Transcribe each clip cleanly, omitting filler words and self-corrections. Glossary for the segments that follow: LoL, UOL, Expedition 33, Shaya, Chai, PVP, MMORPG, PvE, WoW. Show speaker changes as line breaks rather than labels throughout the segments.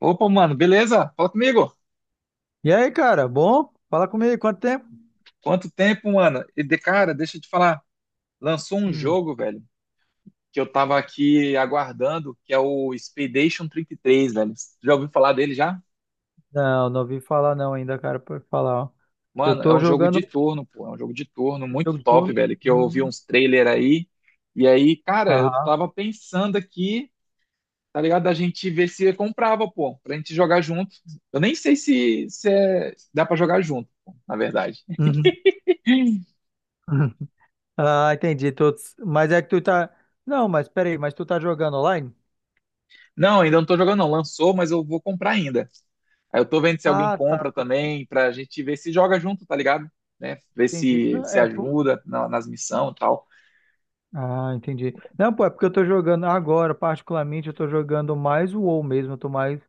Opa, mano, beleza? Fala comigo.
E aí, cara, bom? Fala comigo, quanto tempo?
Quanto tempo, mano? E de cara, deixa eu te falar, lançou um
Hum,
jogo, velho, que eu tava aqui aguardando, que é o Expedition 33, velho. Já ouviu falar dele já?
não, não ouvi falar não ainda, cara, por falar, ó. Eu
Mano, é
tô
um jogo de
jogando
turno, pô, é um jogo de turno
um
muito
jogo de
top,
turno.
velho, que eu ouvi
Hum,
uns trailer aí. E aí, cara, eu
aham.
tava pensando aqui, tá ligado? A gente ver se comprava, pô, pra gente jogar junto. Eu nem sei se dá pra jogar junto, pô, na verdade.
Uhum. Ah, entendi. Mas é que tu tá... Não, mas peraí, mas tu tá jogando online?
Não, ainda não tô jogando, não. Lançou, mas eu vou comprar ainda. Aí eu tô vendo se alguém
Ah, tá.
compra também, pra gente ver se joga junto, tá ligado? Né? Ver
Entendi.
se
Não,
se ajuda nas missões e tal.
Ah, entendi. Não, pô, é porque eu tô jogando agora, particularmente, eu tô jogando mais o WoW mesmo. Eu tô mais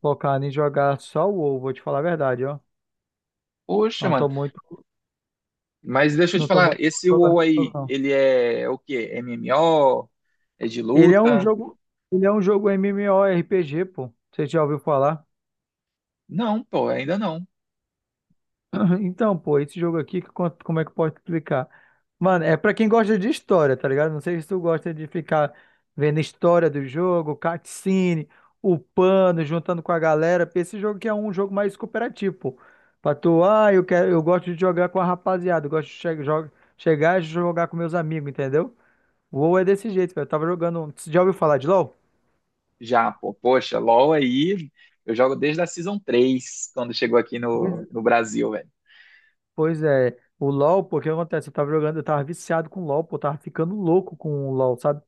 focado em jogar só o WoW, vou te falar a verdade, ó.
Poxa,
Não
mano.
tô muito...
Mas deixa eu te
Não tô
falar,
muito
esse
jogando,
WoW aí,
não.
ele é o quê? MMO? É de
Ele é um
luta?
jogo, ele é um jogo MMORPG, pô. Você já ouviu falar?
Não, pô, ainda não.
Então, pô, esse jogo aqui, como é que eu posso explicar? Mano, é pra quem gosta de história, tá ligado? Não sei se tu gosta de ficar vendo história do jogo, cutscene, upando, juntando com a galera, porque esse jogo aqui é um jogo mais cooperativo, pô. Pra tu, ah, eu quero, eu gosto de jogar com a rapaziada, eu gosto de chegar e jogar com meus amigos, entendeu? O WoW é desse jeito, velho. Eu tava jogando. Você já ouviu falar de LoL?
Já, pô. Poxa, LoL aí, eu jogo desde a Season 3, quando chegou aqui no Brasil, velho.
Pois é, o LoL, pô, o que acontece? Eu tava jogando, eu tava viciado com LoL, pô, eu tava ficando louco com o LoL, sabe?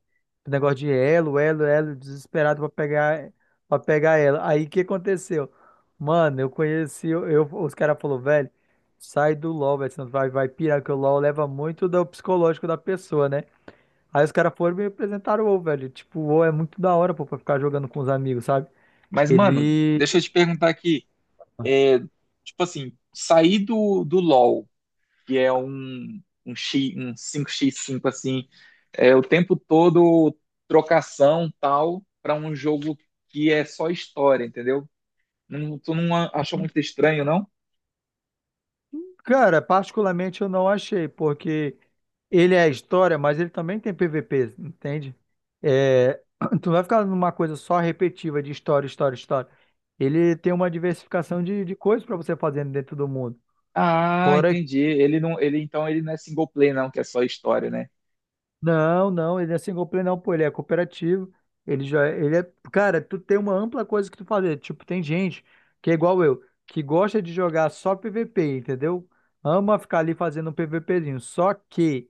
O negócio de elo, elo, elo, desesperado pra pegar ela. Aí o que aconteceu? Mano, eu conheci, eu- os caras falaram, velho, sai do LoL, velho, senão tu vai pirar, que o LoL leva muito do psicológico da pessoa, né? Aí os caras foram e me apresentaram o WoW, velho. Tipo, o WoW é muito da hora, pô, pra ficar jogando com os amigos, sabe?
Mas, mano,
Ele.
deixa eu te perguntar aqui. É, Tipo assim, sair do LoL que é um X, um cinco x cinco assim, é o tempo todo trocação tal, para um jogo que é só história, entendeu? Não, tu não achou muito estranho, não?
Cara, particularmente eu não achei, porque ele é história, mas ele também tem PVP, entende? É, tu não vai ficar numa coisa só repetiva de história, história, história. Ele tem uma diversificação de coisas pra você fazer dentro do mundo.
Ah,
Fora, que-
entendi. Ele não é single play, não, que é só história, né?
não, não, ele é single player não, pô, ele é cooperativo. Ele já, ele é, Cara, tu tem uma ampla coisa que tu fazer. Tipo, tem gente que é igual eu, que gosta de jogar só PVP, entendeu? Ama ficar ali fazendo um PVPzinho. Só que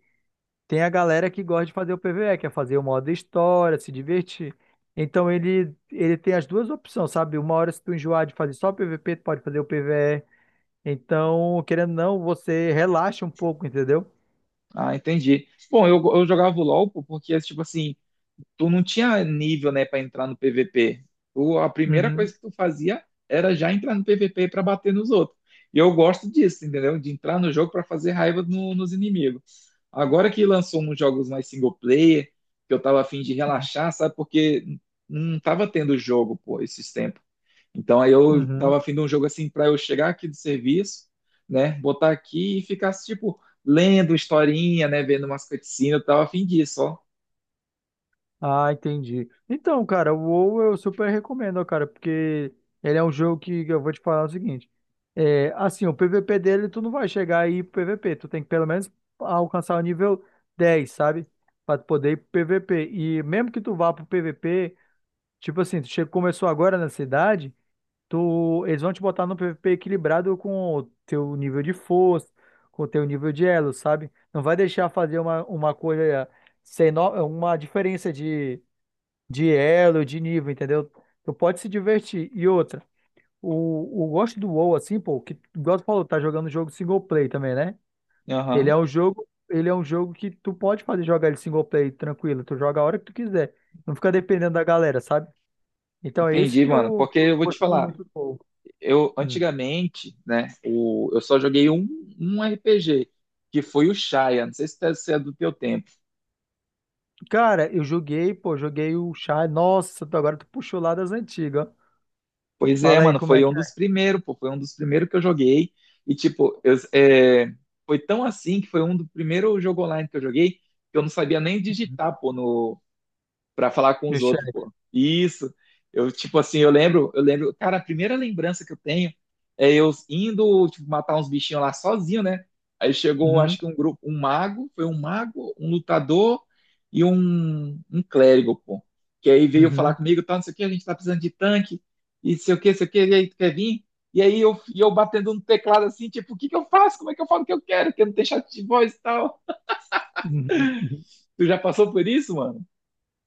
tem a galera que gosta de fazer o PvE, que é fazer o modo história, se divertir. Então ele tem as duas opções, sabe? Uma hora se tu enjoar de fazer só PvP, tu pode fazer o PvE. Então, querendo ou não, você relaxa um pouco, entendeu?
Ah, entendi. Bom, eu jogava o LoL pô, porque, tipo assim, tu não tinha nível, né, para entrar no PVP. Tu, a primeira
Uhum,
coisa que tu fazia era já entrar no PVP para bater nos outros. E eu gosto disso, entendeu? De entrar no jogo para fazer raiva nos inimigos. Agora que lançou uns jogos mais single player, que eu tava afim de relaxar, sabe? Porque não tava tendo jogo, pô, esses tempos. Então aí eu
uhum.
tava afim de um jogo assim para eu chegar aqui do serviço, né, botar aqui e ficar tipo lendo historinha, né, vendo umas cutscenes, eu tava afim disso, ó.
Ah, entendi. Então, cara, o WoW eu super recomendo, ó, cara, porque ele é um jogo que eu vou te falar o seguinte. É, assim, o PVP dele, tu não vai chegar aí pro PVP, tu tem que pelo menos alcançar o nível 10, sabe? Pra tu poder ir pro PVP. E mesmo que tu vá pro PVP, tipo assim, tu chegou, começou agora na cidade, eles vão te botar no PVP equilibrado com o teu nível de força, com o teu nível de elo, sabe? Não vai deixar fazer uma coisa sem no- uma diferença de elo, de nível, entendeu? Tu pode se divertir. E outra, o gosto do WoW, assim, pô, que igual tu falou, tá jogando um jogo single play também, né? Ele
Aham.
é um jogo, ele é um jogo que tu pode fazer jogar ele single play tranquilo, tu joga a hora que tu quiser. Não fica dependendo da galera, sabe? Então é isso
Entendi,
que
mano.
eu,
Porque
que eu
eu
tô
vou te
gostando
falar,
muito do WoW.
eu
Hum.
antigamente, né, eu só joguei um RPG, que foi o Shaya. Não sei se é do teu tempo.
Cara, eu joguei, pô, joguei o Chai. Nossa, agora tu puxou lá das antigas, ó.
Pois é,
Fala aí
mano,
como é
foi um
que
dos
é
primeiros, pô, foi um dos primeiros que eu joguei. E, tipo, foi tão assim que foi um do primeiro jogo online que eu joguei que eu não sabia nem digitar, pô, para falar com
no
os outros,
chat.
pô. Isso. Eu, tipo assim, eu lembro, cara, a primeira lembrança que eu tenho é eu indo, tipo, matar uns bichinhos lá sozinho, né? Aí chegou,
Uhum,
acho que um grupo, um mago, foi um mago, um lutador e um clérigo, pô. Que aí veio falar
uhum,
comigo, tá, não sei o que, a gente tá precisando de tanque, e sei o que, e aí tu quer vir? E aí eu batendo no teclado assim, tipo, o que que eu faço? Como é que eu falo o que eu quero? Que eu não tenho chat de voz e tal.
uhum. Uhum.
Tu já passou por isso, mano?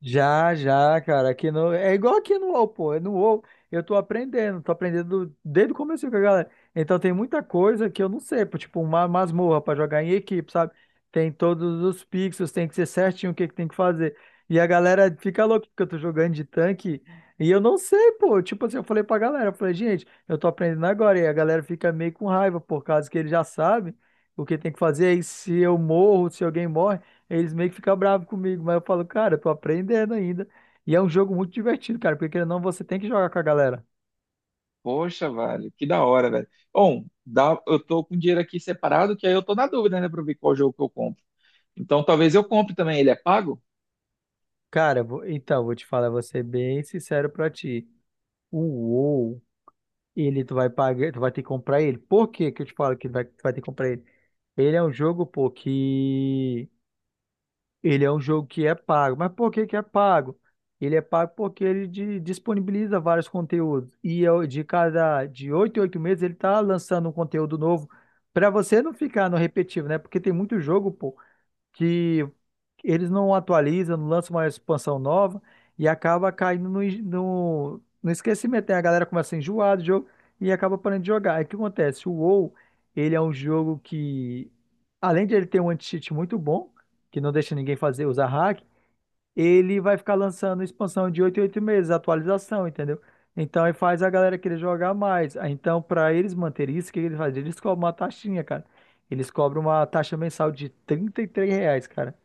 Já, já, cara, aqui no... É igual aqui no UOL, pô, é no UOL eu tô aprendendo desde o começo com a galera. Então tem muita coisa que eu não sei, pô, tipo uma masmorra pra jogar em equipe, sabe? Tem todos os pixels, tem que ser certinho o que que tem que fazer. E a galera fica louca porque eu tô jogando de tanque e eu não sei, pô. Tipo assim, eu falei pra galera, eu falei, gente, eu tô aprendendo agora. E a galera fica meio com raiva por causa que ele já sabe o que tem que fazer. E se eu morro, se alguém morre. Eles meio que ficam bravos comigo, mas eu falo, cara, eu tô aprendendo ainda. E é um jogo muito divertido, cara, porque querendo ou não, você tem que jogar com a galera.
Poxa, velho, que da hora, velho. Bom, eu tô com dinheiro aqui separado, que aí eu tô na dúvida, né, pra ver qual jogo que eu compro. Então talvez eu compre também. Ele é pago?
Cara, então, vou te falar, vou ser bem sincero pra ti. O WoW, ele tu vai pagar, tu vai ter que comprar ele. Por que que eu te falo que tu vai ter que comprar ele? Ele é um jogo, pô, que Ele é um jogo que é pago. Mas por que que é pago? Ele é pago porque ele disponibiliza vários conteúdos. E eu- de cada de 8 em 8 meses ele está lançando um conteúdo novo para você não ficar no repetitivo, né? Porque tem muito jogo, pô, que eles não atualizam, não lançam uma expansão nova e acaba caindo no esquecimento. Aí a galera começa a enjoar do jogo e acaba parando de jogar. Aí o que acontece? O WoW, ele é um jogo que, além de ele ter um anti-cheat muito bom, que não deixa ninguém fazer usar hack, ele vai ficar lançando expansão de 8 em 8 meses, atualização, entendeu? Então, aí faz a galera querer jogar mais. Aí, então, para eles manterem isso, o que que eles fazem? Eles cobram uma taxinha, cara. Eles cobram uma taxa mensal de R$ 33, cara.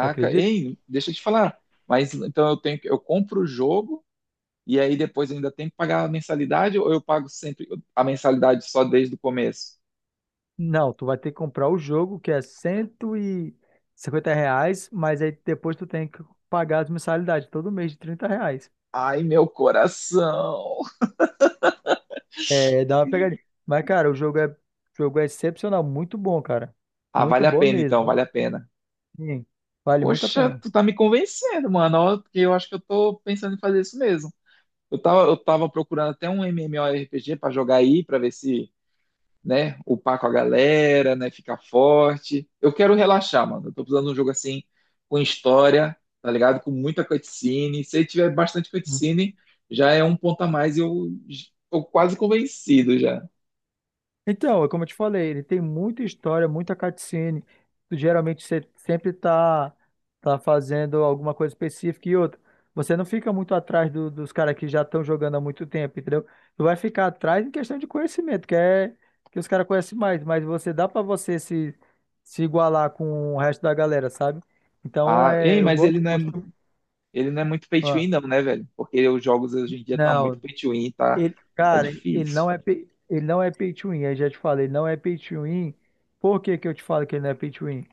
Tu acredita?
ei, deixa eu te falar. Mas então eu compro o jogo e aí depois eu ainda tenho que pagar a mensalidade ou eu pago sempre a mensalidade só desde o começo?
Não, tu vai ter que comprar o jogo, que é R$ 150, mas aí depois tu tem que pagar as mensalidades todo mês de R$ 30.
Ai, meu coração.
É, dá uma pegadinha. Mas, cara, o jogo é excepcional, muito bom, cara.
Ah,
Muito
vale a
bom
pena então,
mesmo.
vale a pena.
Sim, vale muito a
Poxa,
pena.
tu tá me convencendo, mano, ó, porque eu acho que eu tô pensando em fazer isso mesmo. Eu tava procurando até um MMORPG pra jogar aí, pra ver se, né, upar com a galera, né, ficar forte. Eu quero relaxar, mano. Eu tô precisando de um jogo assim, com história, tá ligado? Com muita cutscene. Se ele tiver bastante cutscene, já é um ponto a mais e eu tô quase convencido já.
Então, é como eu te falei, ele tem muita história, muita cutscene. Geralmente você sempre tá fazendo alguma coisa específica e outra. Você não fica muito atrás dos caras que já estão jogando há muito tempo, entendeu? Tu vai ficar atrás em questão de conhecimento, que é que os caras conhecem mais, mas você dá pra você se igualar com o resto da galera, sabe? Então,
Ah, ei,
é,
mas ele não é Ele não é muito pay to
Ah,
win, não, né, velho? Porque os jogos hoje em dia tá muito
não.
pay to win, tá,
Ele,
tá
cara,
difícil.
ele não é pay to win, eu já te falei, ele não é pay to win. Por que que eu te falo que ele não é pay to win?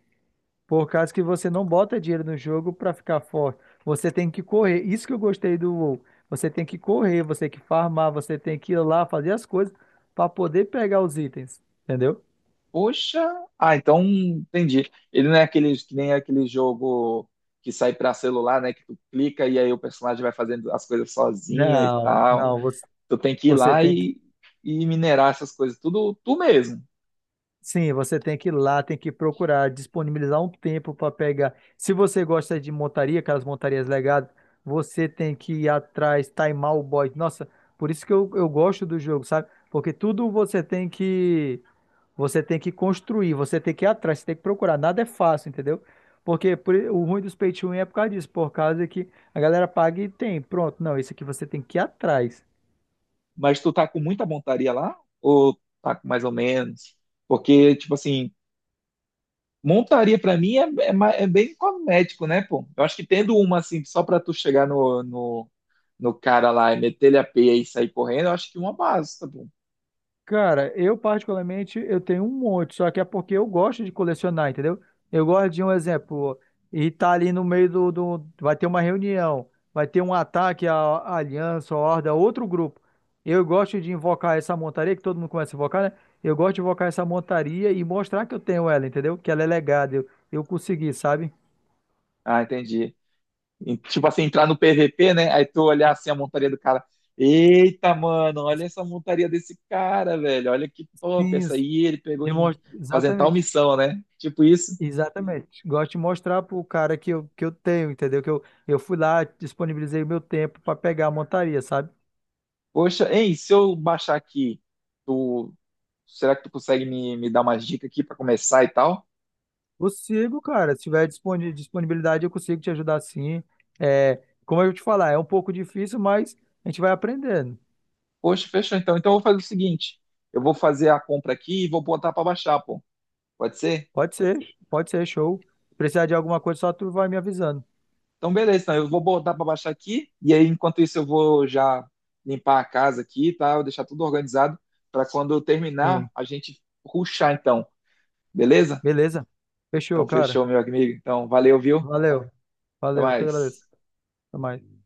Por causa que você não bota dinheiro no jogo pra ficar forte. Você tem que correr. Isso que eu gostei do WoW. Você tem que correr, você tem que farmar, você tem que ir lá fazer as coisas pra poder pegar os itens, entendeu?
Poxa, ah, então entendi. Ele não é aqueles que nem aquele jogo que sai pra celular, né? Que tu clica e aí o personagem vai fazendo as coisas sozinho e
Não,
tal.
não, você,
Tu tem que ir
você
lá
tem.
e minerar essas coisas, tudo tu mesmo.
Sim, você tem que ir lá, tem que procurar, disponibilizar um tempo para pegar. Se você gosta de montaria, aquelas montarias legadas, você tem que ir atrás, timar o boy. Nossa, por isso que eu gosto do jogo, sabe? Porque tudo você tem que construir, você tem que ir atrás, você tem que procurar. Nada é fácil, entendeu? Porque o ruim dos pay to win é por causa disso, por causa que a galera paga e tem. Pronto, não, isso aqui você tem que ir atrás.
Mas tu tá com muita montaria lá? Ou tá com mais ou menos? Porque, tipo assim, montaria pra mim é bem cosmético, né, pô? Eu acho que tendo uma, assim, só pra tu chegar no cara lá e meter ele a peia e sair correndo, eu acho que uma basta, pô.
Cara, eu particularmente eu tenho um monte, só que é porque eu gosto de colecionar, entendeu? Eu gosto de um exemplo, e tá ali no meio vai ter uma reunião, vai ter um ataque à, aliança, à horda, outro grupo. Eu gosto de invocar essa montaria, que todo mundo começa a invocar, né? Eu gosto de invocar essa montaria e mostrar que eu tenho ela, entendeu? Que ela é legada, eu consegui, sabe?
Ah, entendi. Tipo assim, entrar no PVP, né? Aí tu olhar assim a montaria do cara. Eita, mano, olha essa montaria desse cara, velho. Olha que top.
Sim,
Essa aí ele pegou em fazendo tal
Exatamente.
missão, né? Tipo isso.
Exatamente. Gosto de mostrar pro cara que eu tenho, entendeu? Que eu fui lá, disponibilizei o meu tempo para pegar a montaria, sabe?
Poxa, hein, se eu baixar aqui, tu, será que tu consegue me dar umas dicas aqui pra começar e tal?
Consigo, cara. Se tiver disponibilidade, eu consigo te ajudar sim. É, como eu te falar, é um pouco difícil, mas a gente vai aprendendo.
Poxa, fechou então. Então eu vou fazer o seguinte: eu vou fazer a compra aqui e vou botar pra baixar, pô. Pode ser?
Pode ser, pode ser, show. Se precisar de alguma coisa, só tu vai me avisando.
Então, beleza, então eu vou botar para baixar aqui, e aí enquanto isso eu vou já limpar a casa aqui, tá? Eu deixar tudo organizado para quando eu terminar
Sim.
a gente ruxar então, beleza?
Beleza? Fechou,
Então
cara.
fechou, meu amigo. Então, valeu, viu?
Valeu.
Até
Valeu, eu que agradeço.
mais.
Até mais.